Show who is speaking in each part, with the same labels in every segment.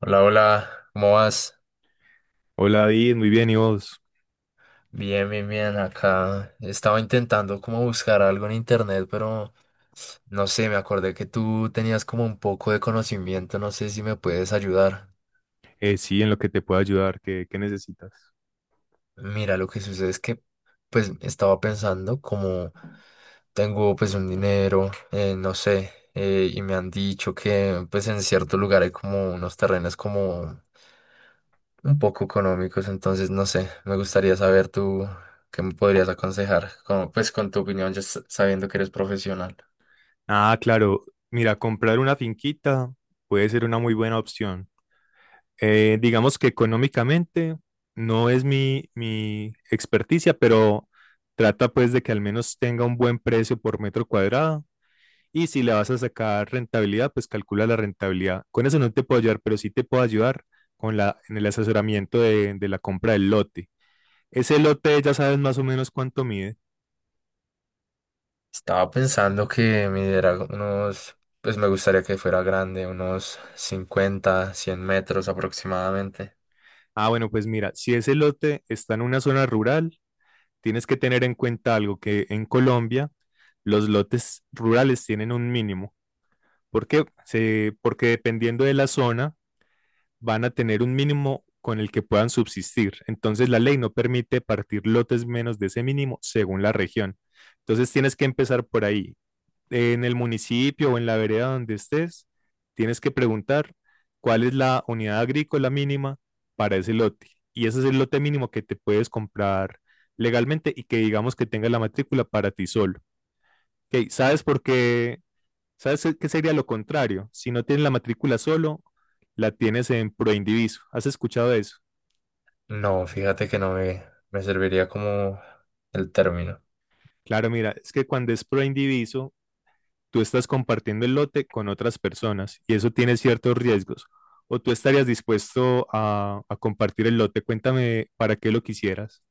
Speaker 1: Hola, hola, ¿cómo vas?
Speaker 2: Hola David, muy bien, ¿y vos?
Speaker 1: Bien, bien, bien. Acá estaba intentando como buscar algo en internet, pero no sé, me acordé que tú tenías como un poco de conocimiento, no sé si me puedes ayudar.
Speaker 2: Sí, en lo que te puedo ayudar, ¿ qué necesitas?
Speaker 1: Mira, lo que sucede es que pues estaba pensando como tengo pues un dinero, no sé, y me han dicho que pues en cierto lugar hay como unos terrenos como un poco económicos, entonces no sé, me gustaría saber tú qué me podrías aconsejar, como, pues con tu opinión, ya sabiendo que eres profesional.
Speaker 2: Ah, claro, mira, comprar una finquita puede ser una muy buena opción. Digamos que económicamente no es mi experticia, pero trata pues de que al menos tenga un buen precio por metro cuadrado y si le vas a sacar rentabilidad, pues calcula la rentabilidad. Con eso no te puedo ayudar, pero sí te puedo ayudar con en el asesoramiento de la compra del lote. ¿Ese lote ya sabes más o menos cuánto mide?
Speaker 1: Estaba pensando que me diera unos, pues me gustaría que fuera grande, unos 50 100 metros aproximadamente.
Speaker 2: Ah, bueno, pues mira, si ese lote está en una zona rural, tienes que tener en cuenta algo: que en Colombia los lotes rurales tienen un mínimo. ¿Por qué? Se- porque dependiendo de la zona van a tener un mínimo con el que puedan subsistir. Entonces la ley no permite partir lotes menos de ese mínimo según la región. Entonces tienes que empezar por ahí, en el municipio o en la vereda donde estés, tienes que preguntar cuál es la unidad agrícola mínima para ese lote. Y ese es el lote mínimo que te puedes comprar legalmente y que digamos que tenga la matrícula para ti solo. Ok, ¿sabes por qué? ¿Sabes qué sería lo contrario? Si no tienes la matrícula solo, la tienes en proindiviso. ¿Has escuchado eso?
Speaker 1: No, fíjate que no me, me serviría como el término.
Speaker 2: Claro, mira, es que cuando es proindiviso tú estás compartiendo el lote con otras personas y eso tiene ciertos riesgos. ¿O tú estarías dispuesto a compartir el lote? Cuéntame para qué lo quisieras.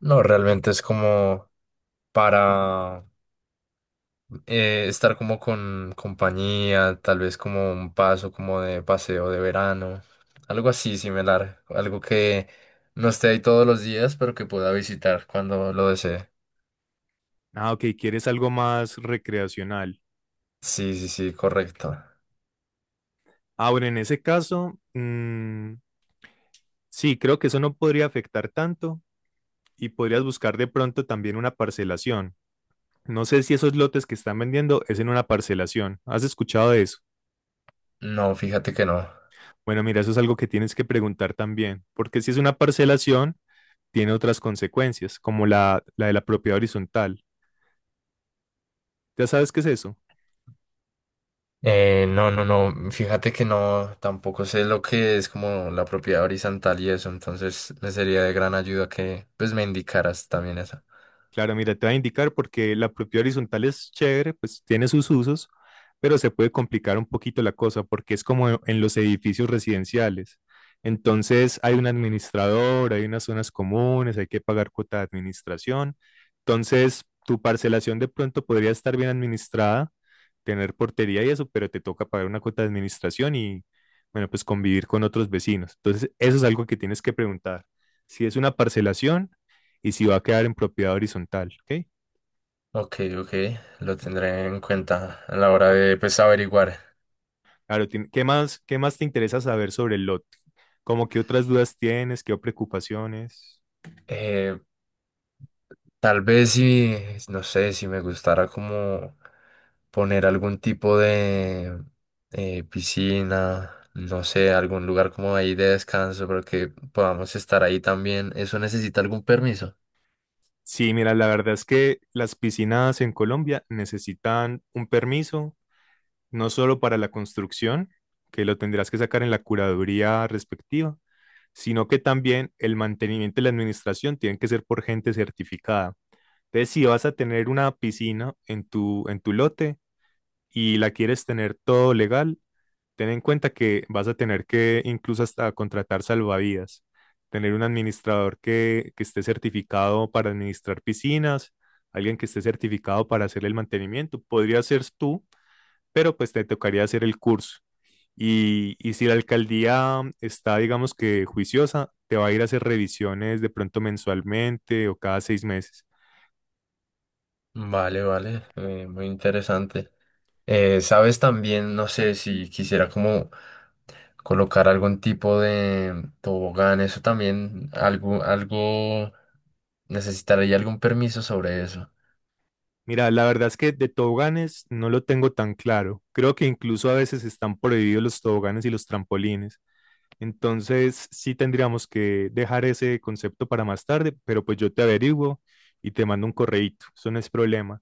Speaker 1: No, realmente es como para estar como con compañía, tal vez como un paso como de paseo de verano, algo así similar, algo que no esté ahí todos los días, pero que pueda visitar cuando lo desee.
Speaker 2: Ah, ok, quieres algo más recreacional.
Speaker 1: Sí, sí, sí, correcto.
Speaker 2: Ahora, en ese caso, mm, sí, creo que eso no podría afectar tanto y podrías buscar de pronto también una parcelación. No sé si esos lotes que están vendiendo es en una parcelación. ¿Has escuchado de eso?
Speaker 1: No, fíjate que no.
Speaker 2: Bueno, mira, eso es algo que tienes que preguntar también, porque si es una parcelación, tiene otras consecuencias, como la de la propiedad horizontal. ¿Ya sabes qué es eso?
Speaker 1: No, no, no, fíjate que no, tampoco sé lo que es como la propiedad horizontal y eso, entonces me sería de gran ayuda que pues me indicaras también eso.
Speaker 2: Claro, mira, te voy a indicar, porque la propiedad horizontal es chévere, pues tiene sus usos, pero se puede complicar un poquito la cosa porque es como en los edificios residenciales. Entonces hay un administrador, hay unas zonas comunes, hay que pagar cuota de administración. Entonces tu parcelación de pronto podría estar bien administrada, tener portería y eso, pero te toca pagar una cuota de administración y, bueno, pues convivir con otros vecinos. Entonces eso es algo que tienes que preguntar: si es una parcelación y si va a quedar en propiedad horizontal, ¿ok?
Speaker 1: Ok, ok, lo tendré en cuenta a la hora de pues averiguar.
Speaker 2: Claro, qué más te interesa saber sobre el lote? ¿Cómo qué otras dudas tienes, qué preocupaciones?
Speaker 1: Eh, Tal vez si, no sé, si me gustara como poner algún tipo de piscina, no sé, algún lugar como ahí de descanso, pero que podamos estar ahí también. ¿Eso necesita algún permiso?
Speaker 2: Sí, mira, la verdad es que las piscinas en Colombia necesitan un permiso, no solo para la construcción, que lo tendrás que sacar en la curaduría respectiva, sino que también el mantenimiento y la administración tienen que ser por gente certificada. Entonces, si vas a tener una piscina en en tu lote y la quieres tener todo legal, ten en cuenta que vas a tener que incluso hasta contratar salvavidas, tener un administrador que esté certificado para administrar piscinas, alguien que esté certificado para hacer el mantenimiento. Podría ser tú, pero pues te tocaría hacer el curso. Y si la alcaldía está, digamos que juiciosa, te va a ir a hacer revisiones de pronto mensualmente o cada seis meses.
Speaker 1: Vale, vale, muy interesante. Sabes también, no sé, si quisiera como colocar algún tipo de tobogán, eso también, algo, algo, necesitaría algún permiso sobre eso.
Speaker 2: Mira, la verdad es que de toboganes no lo tengo tan claro. Creo que incluso a veces están prohibidos los toboganes y los trampolines. Entonces, sí tendríamos que dejar ese concepto para más tarde, pero pues yo te averiguo y te mando un correíto, eso no es problema.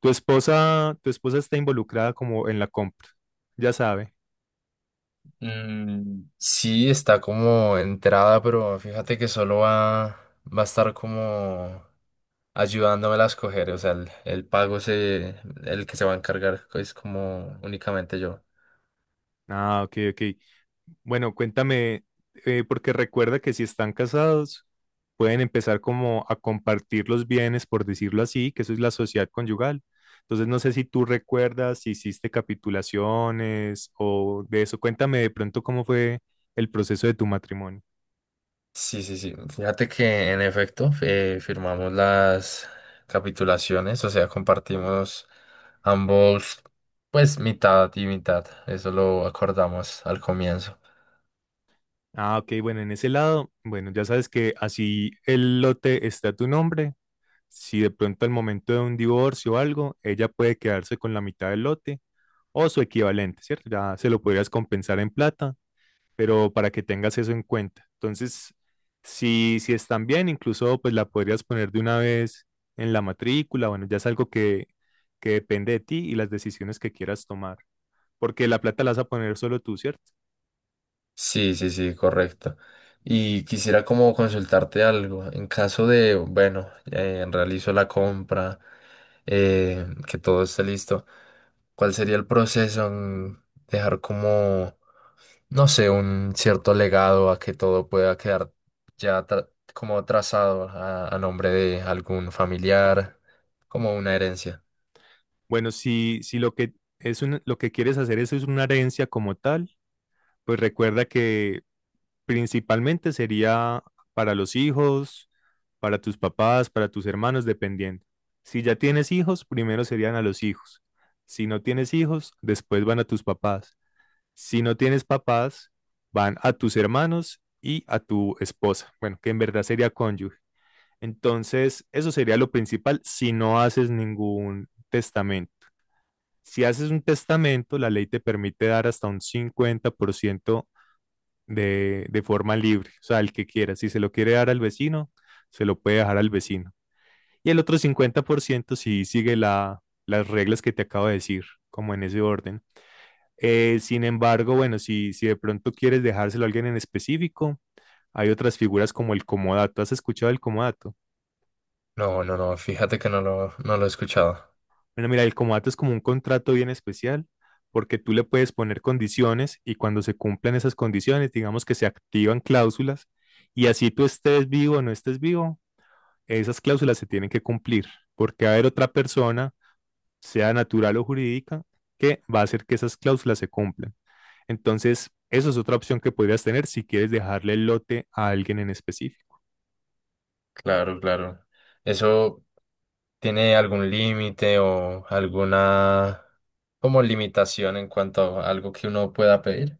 Speaker 2: Tu esposa está involucrada como en la compra, ya sabe.
Speaker 1: Mm, sí, está como entrada, pero fíjate que solo va, va a estar como ayudándome a escoger. O sea, el pago se, el que se va a encargar es como únicamente yo.
Speaker 2: Ah, ok, ok. Bueno, cuéntame, porque recuerda que si están casados, pueden empezar como a compartir los bienes, por decirlo así, que eso es la sociedad conyugal. Entonces, no sé si tú recuerdas si hiciste capitulaciones o de eso. Cuéntame de pronto cómo fue el proceso de tu matrimonio.
Speaker 1: Sí, sí, sí. Fíjate que en efecto firmamos las capitulaciones, o sea, compartimos ambos, pues mitad y mitad. Eso lo acordamos al comienzo.
Speaker 2: Ah, ok, bueno, en ese lado, bueno, ya sabes que así el lote está a tu nombre, si de pronto al momento de un divorcio o algo, ella puede quedarse con la mitad del lote o su equivalente, ¿cierto? Ya se lo podrías compensar en plata, pero para que tengas eso en cuenta. Entonces, si están bien, incluso pues la podrías poner de una vez en la matrícula. Bueno, ya es algo que depende de ti y las decisiones que quieras tomar, porque la plata la vas a poner solo tú, ¿cierto?
Speaker 1: Sí, sí, sí, correcto. Y quisiera como consultarte algo. En caso de, bueno, realizo la compra, que todo esté listo, ¿cuál sería el proceso en dejar como, no sé, un cierto legado a que todo pueda quedar ya como trazado a nombre de algún familiar, como una herencia?
Speaker 2: Bueno, si lo lo que quieres hacer eso es una herencia como tal, pues recuerda que principalmente sería para los hijos, para tus papás, para tus hermanos, dependiendo. Si ya tienes hijos, primero serían a los hijos. Si no tienes hijos, después van a tus papás. Si no tienes papás, van a tus hermanos y a tu esposa. Bueno, que en verdad sería cónyuge. Entonces, eso sería lo principal si no haces ningún testamento. Si haces un testamento, la ley te permite dar hasta un 50% de forma libre, o sea, al que quiera. Si se lo quiere dar al vecino, se lo puede dejar al vecino. Y el otro 50% si sigue las reglas que te acabo de decir, como en ese orden. Sin embargo, bueno, si de pronto quieres dejárselo a alguien en específico, hay otras figuras como el comodato. ¿Has escuchado el comodato?
Speaker 1: No, no, no, fíjate que no lo he escuchado.
Speaker 2: Bueno, mira, el comodato es como un contrato bien especial porque tú le puedes poner condiciones y cuando se cumplan esas condiciones, digamos que se activan cláusulas, y así tú estés vivo o no estés vivo, esas cláusulas se tienen que cumplir, porque va a haber otra persona, sea natural o jurídica, que va a hacer que esas cláusulas se cumplan. Entonces, eso es otra opción que podrías tener si quieres dejarle el lote a alguien en específico.
Speaker 1: Claro, claro. Eso. ¿Tiene algún límite o alguna como limitación en cuanto a algo que uno pueda pedir?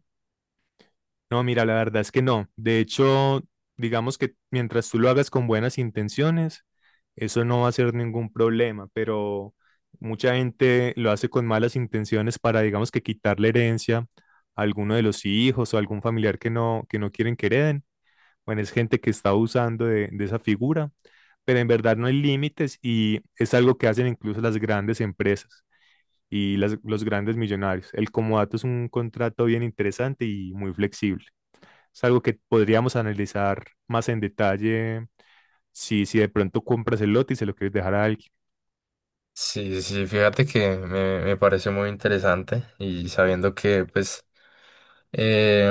Speaker 2: No, mira, la verdad es que no. De hecho, digamos que mientras tú lo hagas con buenas intenciones, eso no va a ser ningún problema, pero mucha gente lo hace con malas intenciones para, digamos, que quitar la herencia a alguno de los hijos o algún familiar que no quieren que hereden. Bueno, es gente que está abusando de esa figura, pero en verdad no hay límites y es algo que hacen incluso las grandes empresas y los grandes millonarios. El comodato es un contrato bien interesante y muy flexible. Es algo que podríamos analizar más en detalle si de pronto compras el lote y se lo quieres dejar a alguien.
Speaker 1: Sí, sí, fíjate que me parece muy interesante y sabiendo que pues eh,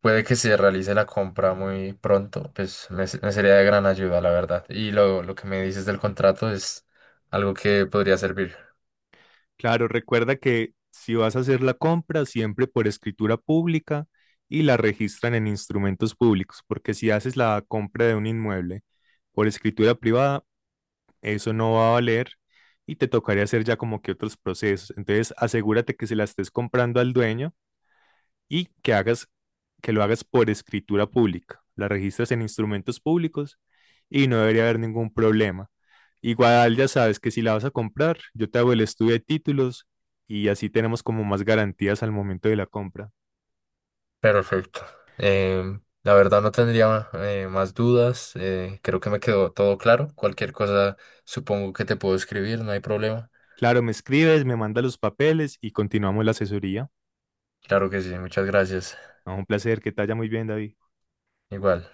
Speaker 1: puede que se realice la compra muy pronto, pues me sería de gran ayuda, la verdad. Y lo que me dices del contrato es algo que podría servir.
Speaker 2: Claro, recuerda que si vas a hacer la compra, siempre por escritura pública y la registran en instrumentos públicos, porque si haces la compra de un inmueble por escritura privada, eso no va a valer y te tocaría hacer ya como que otros procesos. Entonces, asegúrate que se la estés comprando al dueño y que hagas, que lo hagas por escritura pública. La registras en instrumentos públicos y no debería haber ningún problema. Igual ya sabes que si la vas a comprar, yo te hago el estudio de títulos y así tenemos como más garantías al momento de la compra.
Speaker 1: Perfecto. Em, la verdad no tendría más dudas. Creo que me quedó todo claro. Cualquier cosa supongo que te puedo escribir, no hay problema.
Speaker 2: Claro, me escribes, me mandas los papeles y continuamos la asesoría.
Speaker 1: Claro que sí, muchas gracias.
Speaker 2: No, un placer, que te vaya muy bien, David.
Speaker 1: Igual.